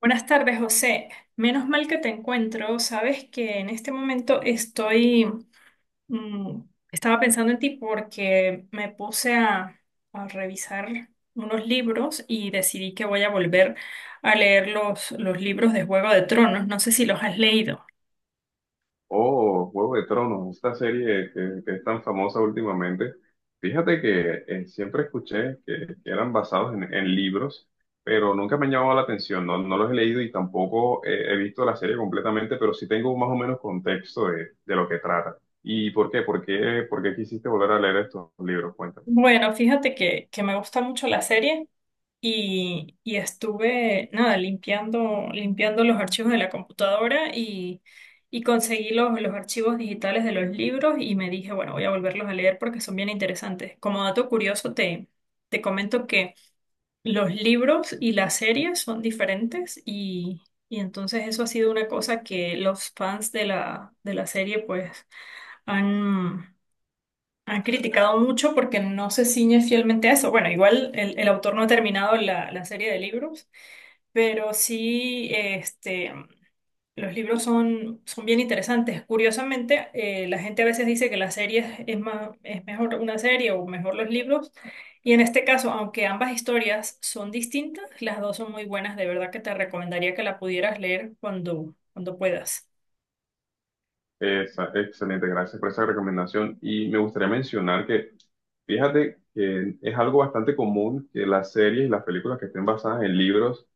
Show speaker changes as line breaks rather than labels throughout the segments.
Buenas tardes, José. Menos mal que te encuentro. Sabes que en este momento mm, estaba pensando en ti porque me puse a revisar unos libros y decidí que voy a volver a leer los libros de Juego de Tronos. No sé si los has leído.
Oh, Juego de Tronos, esta serie que es tan famosa últimamente. Fíjate que siempre escuché que eran basados en libros, pero nunca me han llamado la atención. No los he leído y tampoco he visto la serie completamente, pero sí tengo más o menos contexto de lo que trata. ¿Y por qué? ¿Por qué, por qué quisiste volver a leer estos libros? Cuéntame.
Bueno, fíjate que me gusta mucho la serie y estuve, nada, limpiando, limpiando los archivos de la computadora y conseguí los archivos digitales de los libros y me dije, bueno, voy a volverlos a leer porque son bien interesantes. Como dato curioso, te comento que los libros y las series son diferentes y entonces eso ha sido una cosa que los fans de la serie pues han... Han criticado mucho porque no se ciñe fielmente a eso. Bueno, igual el autor no ha terminado la serie de libros, pero sí, los libros son, son bien interesantes. Curiosamente, la gente a veces dice que la serie es más, es mejor una serie o mejor los libros. Y en este caso, aunque ambas historias son distintas, las dos son muy buenas. De verdad que te recomendaría que la pudieras leer cuando, cuando puedas.
Excelente, gracias por esa recomendación. Y me gustaría mencionar que fíjate que es algo bastante común que las series y las películas que estén basadas en libros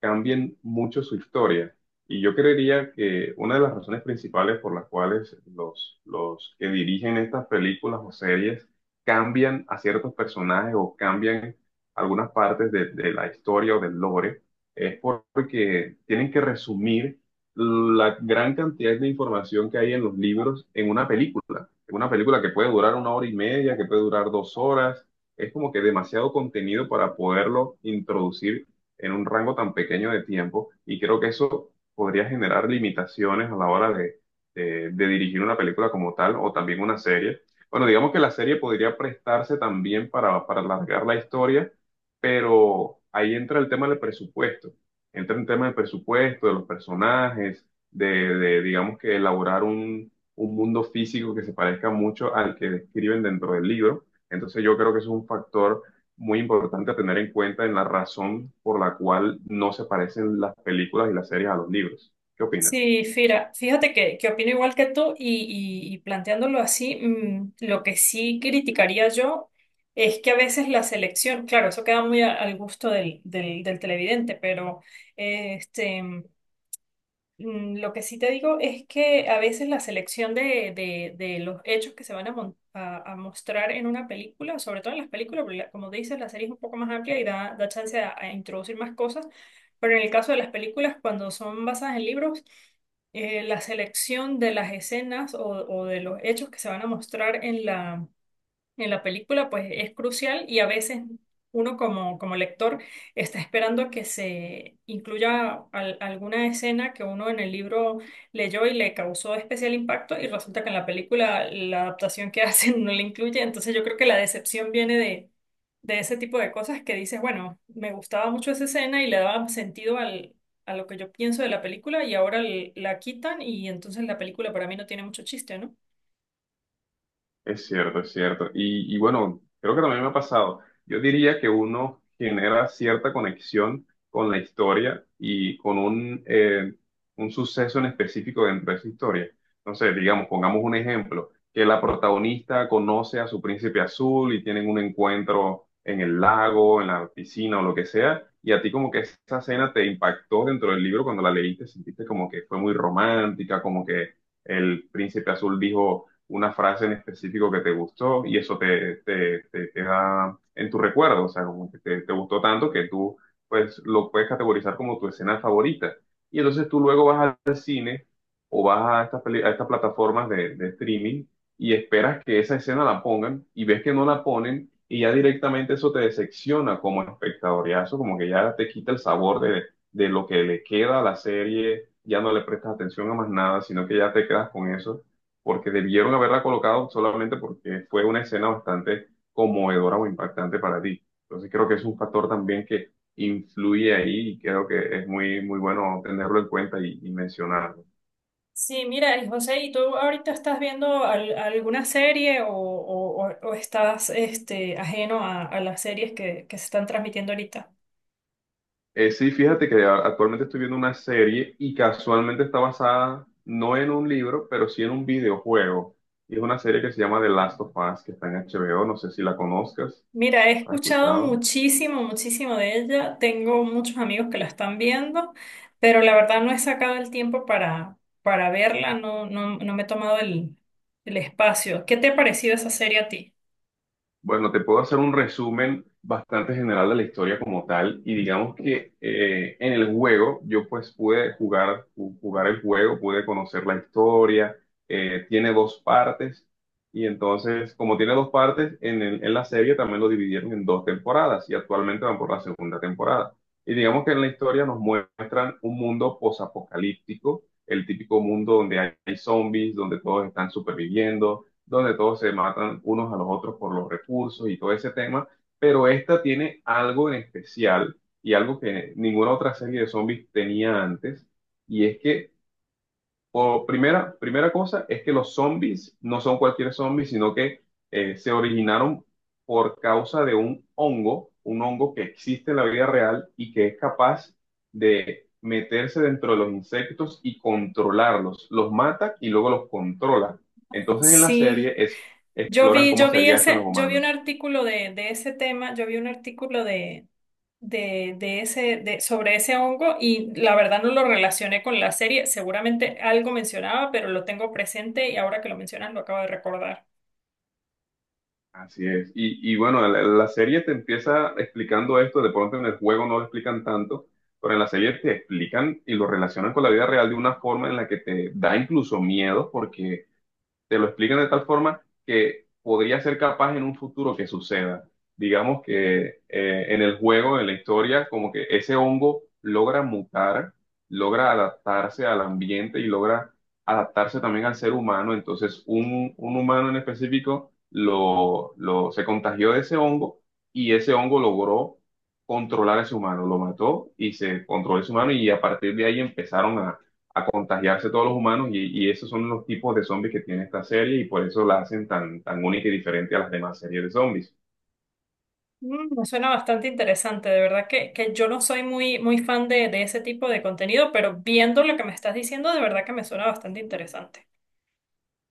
cambien mucho su historia. Y yo creería que una de las razones principales por las cuales los que dirigen estas películas o series cambian a ciertos personajes o cambian algunas partes de la historia o del lore es porque tienen que resumir la gran cantidad de información que hay en los libros en una película. En una película que puede durar una hora y media, que puede durar dos horas. Es como que demasiado contenido para poderlo introducir en un rango tan pequeño de tiempo y creo que eso podría generar limitaciones a la hora de dirigir una película como tal o también una serie. Bueno, digamos que la serie podría prestarse también para alargar la historia, pero ahí entra el tema del presupuesto. Entra el tema del presupuesto, de los personajes, de, de, digamos que elaborar un mundo físico que se parezca mucho al que describen dentro del libro. Entonces yo creo que eso es un factor muy importante a tener en cuenta en la razón por la cual no se parecen las películas y las series a los libros. ¿Qué opinas?
Sí, Fira, fíjate que opino igual que tú y, y planteándolo así, lo que sí criticaría yo es que a veces la selección, claro, eso queda muy al gusto del televidente, pero eh, este, lo que sí te digo es que a veces la selección de, de los hechos que se van a, a mostrar en una película, sobre todo en las películas, porque como dices, la serie es un poco más amplia y da, da chance a introducir más cosas, pero en el caso de las películas, cuando son basadas en libros, la selección de las escenas o de los hechos que se van a mostrar en la película, pues es crucial y a veces uno como, como lector está esperando que se incluya alguna escena que uno en el libro leyó y le causó especial impacto y resulta que en la película la adaptación que hacen no la incluye. Entonces yo creo que la decepción viene de ese tipo de cosas que dices, bueno, me gustaba mucho esa escena y le daba sentido al... a lo que yo pienso de la película y ahora la quitan y entonces la película para mí no tiene mucho chiste, ¿no?
Es cierto, es cierto. Y bueno, creo que también me ha pasado. Yo diría que uno genera cierta conexión con la historia y con un suceso en específico dentro de esa historia. No sé, digamos, pongamos un ejemplo, que la protagonista conoce a su príncipe azul y tienen un encuentro en el lago, en la piscina o lo que sea, y a ti como que esa escena te impactó dentro del libro cuando la leíste, sentiste como que fue muy romántica, como que el príncipe azul dijo una frase en específico que te gustó y eso te queda en tu recuerdo, o sea, como que te gustó tanto que tú pues lo puedes categorizar como tu escena favorita. Y entonces tú luego vas al cine o vas a a estas plataformas de streaming y esperas que esa escena la pongan y ves que no la ponen y ya directamente eso te decepciona como espectador, ya eso como que ya te quita el sabor de lo que le queda a la serie, ya no le prestas atención a más nada, sino que ya te quedas con eso porque debieron haberla colocado solamente porque fue una escena bastante conmovedora o impactante para ti. Entonces creo que es un factor también que influye ahí y creo que es muy, muy bueno tenerlo en cuenta y mencionarlo.
Sí, mira, y José, ¿y tú ahorita estás viendo alguna serie o, o estás ajeno a las series que se están transmitiendo ahorita?
Sí, fíjate que actualmente estoy viendo una serie y casualmente está basada no en un libro, pero sí en un videojuego. Y es una serie que se llama The Last of Us, que está en HBO, no sé si la conozcas,
Mira, he
¿has
escuchado
escuchado?
muchísimo, muchísimo de ella. Tengo muchos amigos que la están viendo, pero la verdad no he sacado el tiempo para verla, no, no, no me he tomado el espacio. ¿Qué te ha parecido esa serie a ti?
Bueno, te puedo hacer un resumen bastante general de la historia como tal y digamos que en el juego yo pues pude jugar el juego, pude conocer la historia, tiene dos partes y entonces como tiene dos partes en, en la serie también lo dividieron en dos temporadas y actualmente van por la segunda temporada. Y digamos que en la historia nos muestran un mundo posapocalíptico, el típico mundo donde hay zombies, donde todos están superviviendo donde todos se matan unos a los otros por los recursos y todo ese tema, pero esta tiene algo en especial y algo que ninguna otra serie de zombies tenía antes, y es que o primera cosa es que los zombies no son cualquier zombie, sino que se originaron por causa de un hongo que existe en la vida real y que es capaz de meterse dentro de los insectos y controlarlos. Los mata y luego los controla. Entonces en la serie
Sí,
es, exploran cómo
yo vi
sería esto en
ese,
los
yo vi un
humanos.
artículo de ese tema, yo vi un artículo de ese, de, sobre ese hongo y la verdad no lo relacioné con la serie. Seguramente algo mencionaba, pero lo tengo presente y ahora que lo mencionas lo acabo de recordar.
Así es. Y bueno, la serie te empieza explicando esto, de pronto en el juego no lo explican tanto, pero en la serie te explican y lo relacionan con la vida real de una forma en la que te da incluso miedo, porque te lo explican de tal forma que podría ser capaz en un futuro que suceda. Digamos que en el juego, en la historia, como que ese hongo logra mutar, logra adaptarse al ambiente y logra adaptarse también al ser humano. Entonces, un humano en específico se contagió de ese hongo y ese hongo logró controlar a ese humano, lo mató y se controló ese humano y a partir de ahí empezaron a contagiarse todos los humanos y esos son los tipos de zombies que tiene esta serie y por eso la hacen tan, tan única y diferente a las demás series de zombies.
Me suena bastante interesante, de verdad que yo no soy muy, muy fan de ese tipo de contenido, pero viendo lo que me estás diciendo, de verdad que me suena bastante interesante.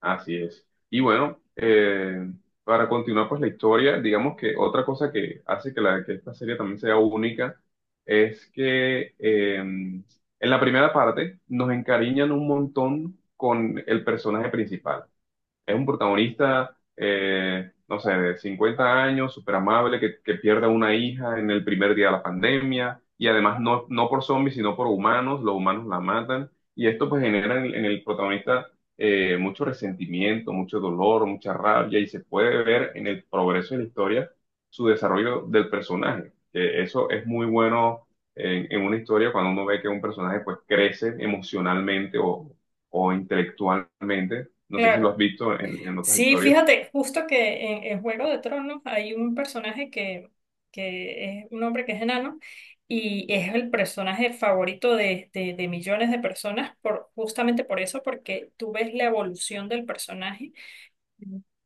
Así es. Y bueno, para continuar pues la historia, digamos que otra cosa que hace que, la, que esta serie también sea única es que en la primera parte nos encariñan un montón con el personaje principal. Es un protagonista, no sé, de 50 años, súper amable, que pierde a una hija en el primer día de la pandemia, y además no por zombies, sino por humanos, los humanos la matan, y esto pues genera en el protagonista mucho resentimiento, mucho dolor, mucha rabia, y se puede ver en el progreso de la historia su desarrollo del personaje. Que eso es muy bueno en una historia cuando uno ve que un personaje pues crece emocionalmente o intelectualmente no sé si lo
Claro.
has visto en otras
Sí,
historias.
fíjate, justo que en Juego de Tronos hay un personaje que es un hombre que es enano y es el personaje favorito de, de millones de personas por, justamente por eso, porque tú ves la evolución del personaje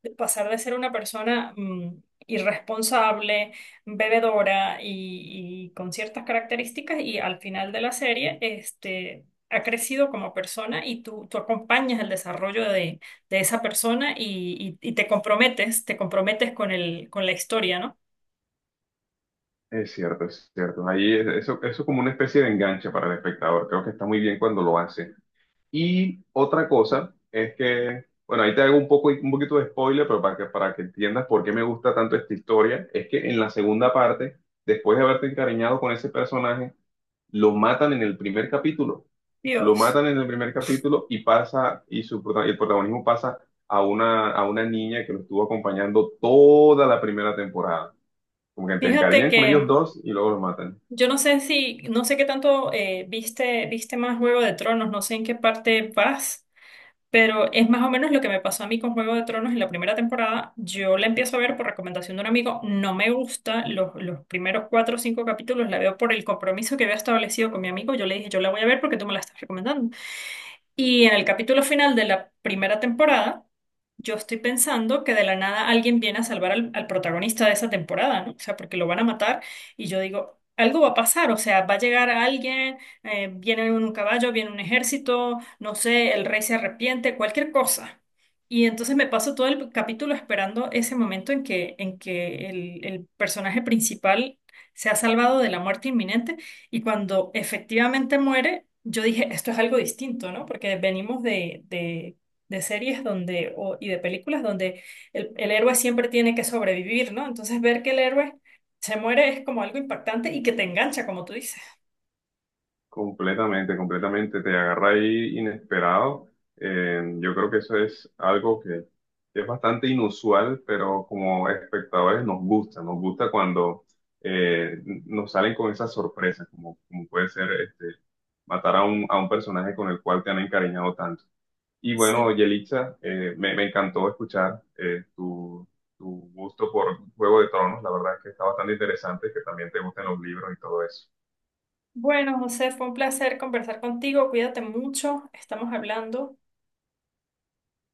de pasar de ser una persona irresponsable, bebedora y con ciertas características y al final de la serie, ha crecido como persona y tú acompañas el desarrollo de esa persona y, y te comprometes con el, con la historia, ¿no?
Es cierto, es cierto. Ahí eso, eso es como una especie de enganche para el espectador. Creo que está muy bien cuando lo hace. Y otra cosa es que, bueno, ahí te hago un poco, un poquito de spoiler, pero para que entiendas por qué me gusta tanto esta historia, es que en la segunda parte, después de haberte encariñado con ese personaje, lo matan en el primer capítulo. Lo
Dios,
matan en el primer capítulo y pasa, y su, el protagonismo pasa a una niña que lo estuvo acompañando toda la primera temporada. Como que te
fíjate
encariñan con ellos
que...
dos y luego los matan.
Yo no sé si, no sé qué tanto viste, viste más Juego de Tronos, no sé en qué parte vas. Pero es más o menos lo que me pasó a mí con Juego de Tronos en la primera temporada. Yo la empiezo a ver por recomendación de un amigo. No me gusta los primeros cuatro o cinco capítulos. La veo por el compromiso que había establecido con mi amigo. Yo le dije, yo la voy a ver porque tú me la estás recomendando. Y en el capítulo final de la primera temporada, yo estoy pensando que de la nada alguien viene a salvar al protagonista de esa temporada, ¿no? O sea, porque lo van a matar y yo digo, algo va a pasar, o sea, va a llegar alguien, viene un caballo, viene un ejército, no sé, el rey se arrepiente, cualquier cosa. Y entonces me paso todo el capítulo esperando ese momento en que el personaje principal se ha salvado de la muerte inminente y cuando efectivamente muere, yo dije, esto es algo distinto, ¿no? Porque venimos de series donde, y de películas donde el héroe siempre tiene que sobrevivir, ¿no? Entonces ver que el héroe se muere es como algo impactante y que te engancha, como tú dices.
Completamente, completamente. Te agarra ahí inesperado. Yo creo que eso es algo que es bastante inusual, pero como espectadores nos gusta. Nos gusta cuando eh, nos salen con esas sorpresas, como, como puede ser este, matar a un personaje con el cual te han encariñado tanto. Y bueno,
Sí.
Yelitza, me encantó escuchar tu, tu gusto por Juego de Tronos. La verdad es que está bastante interesante que también te gusten los libros y todo eso.
Bueno, José, fue un placer conversar contigo. Cuídate mucho. Estamos hablando.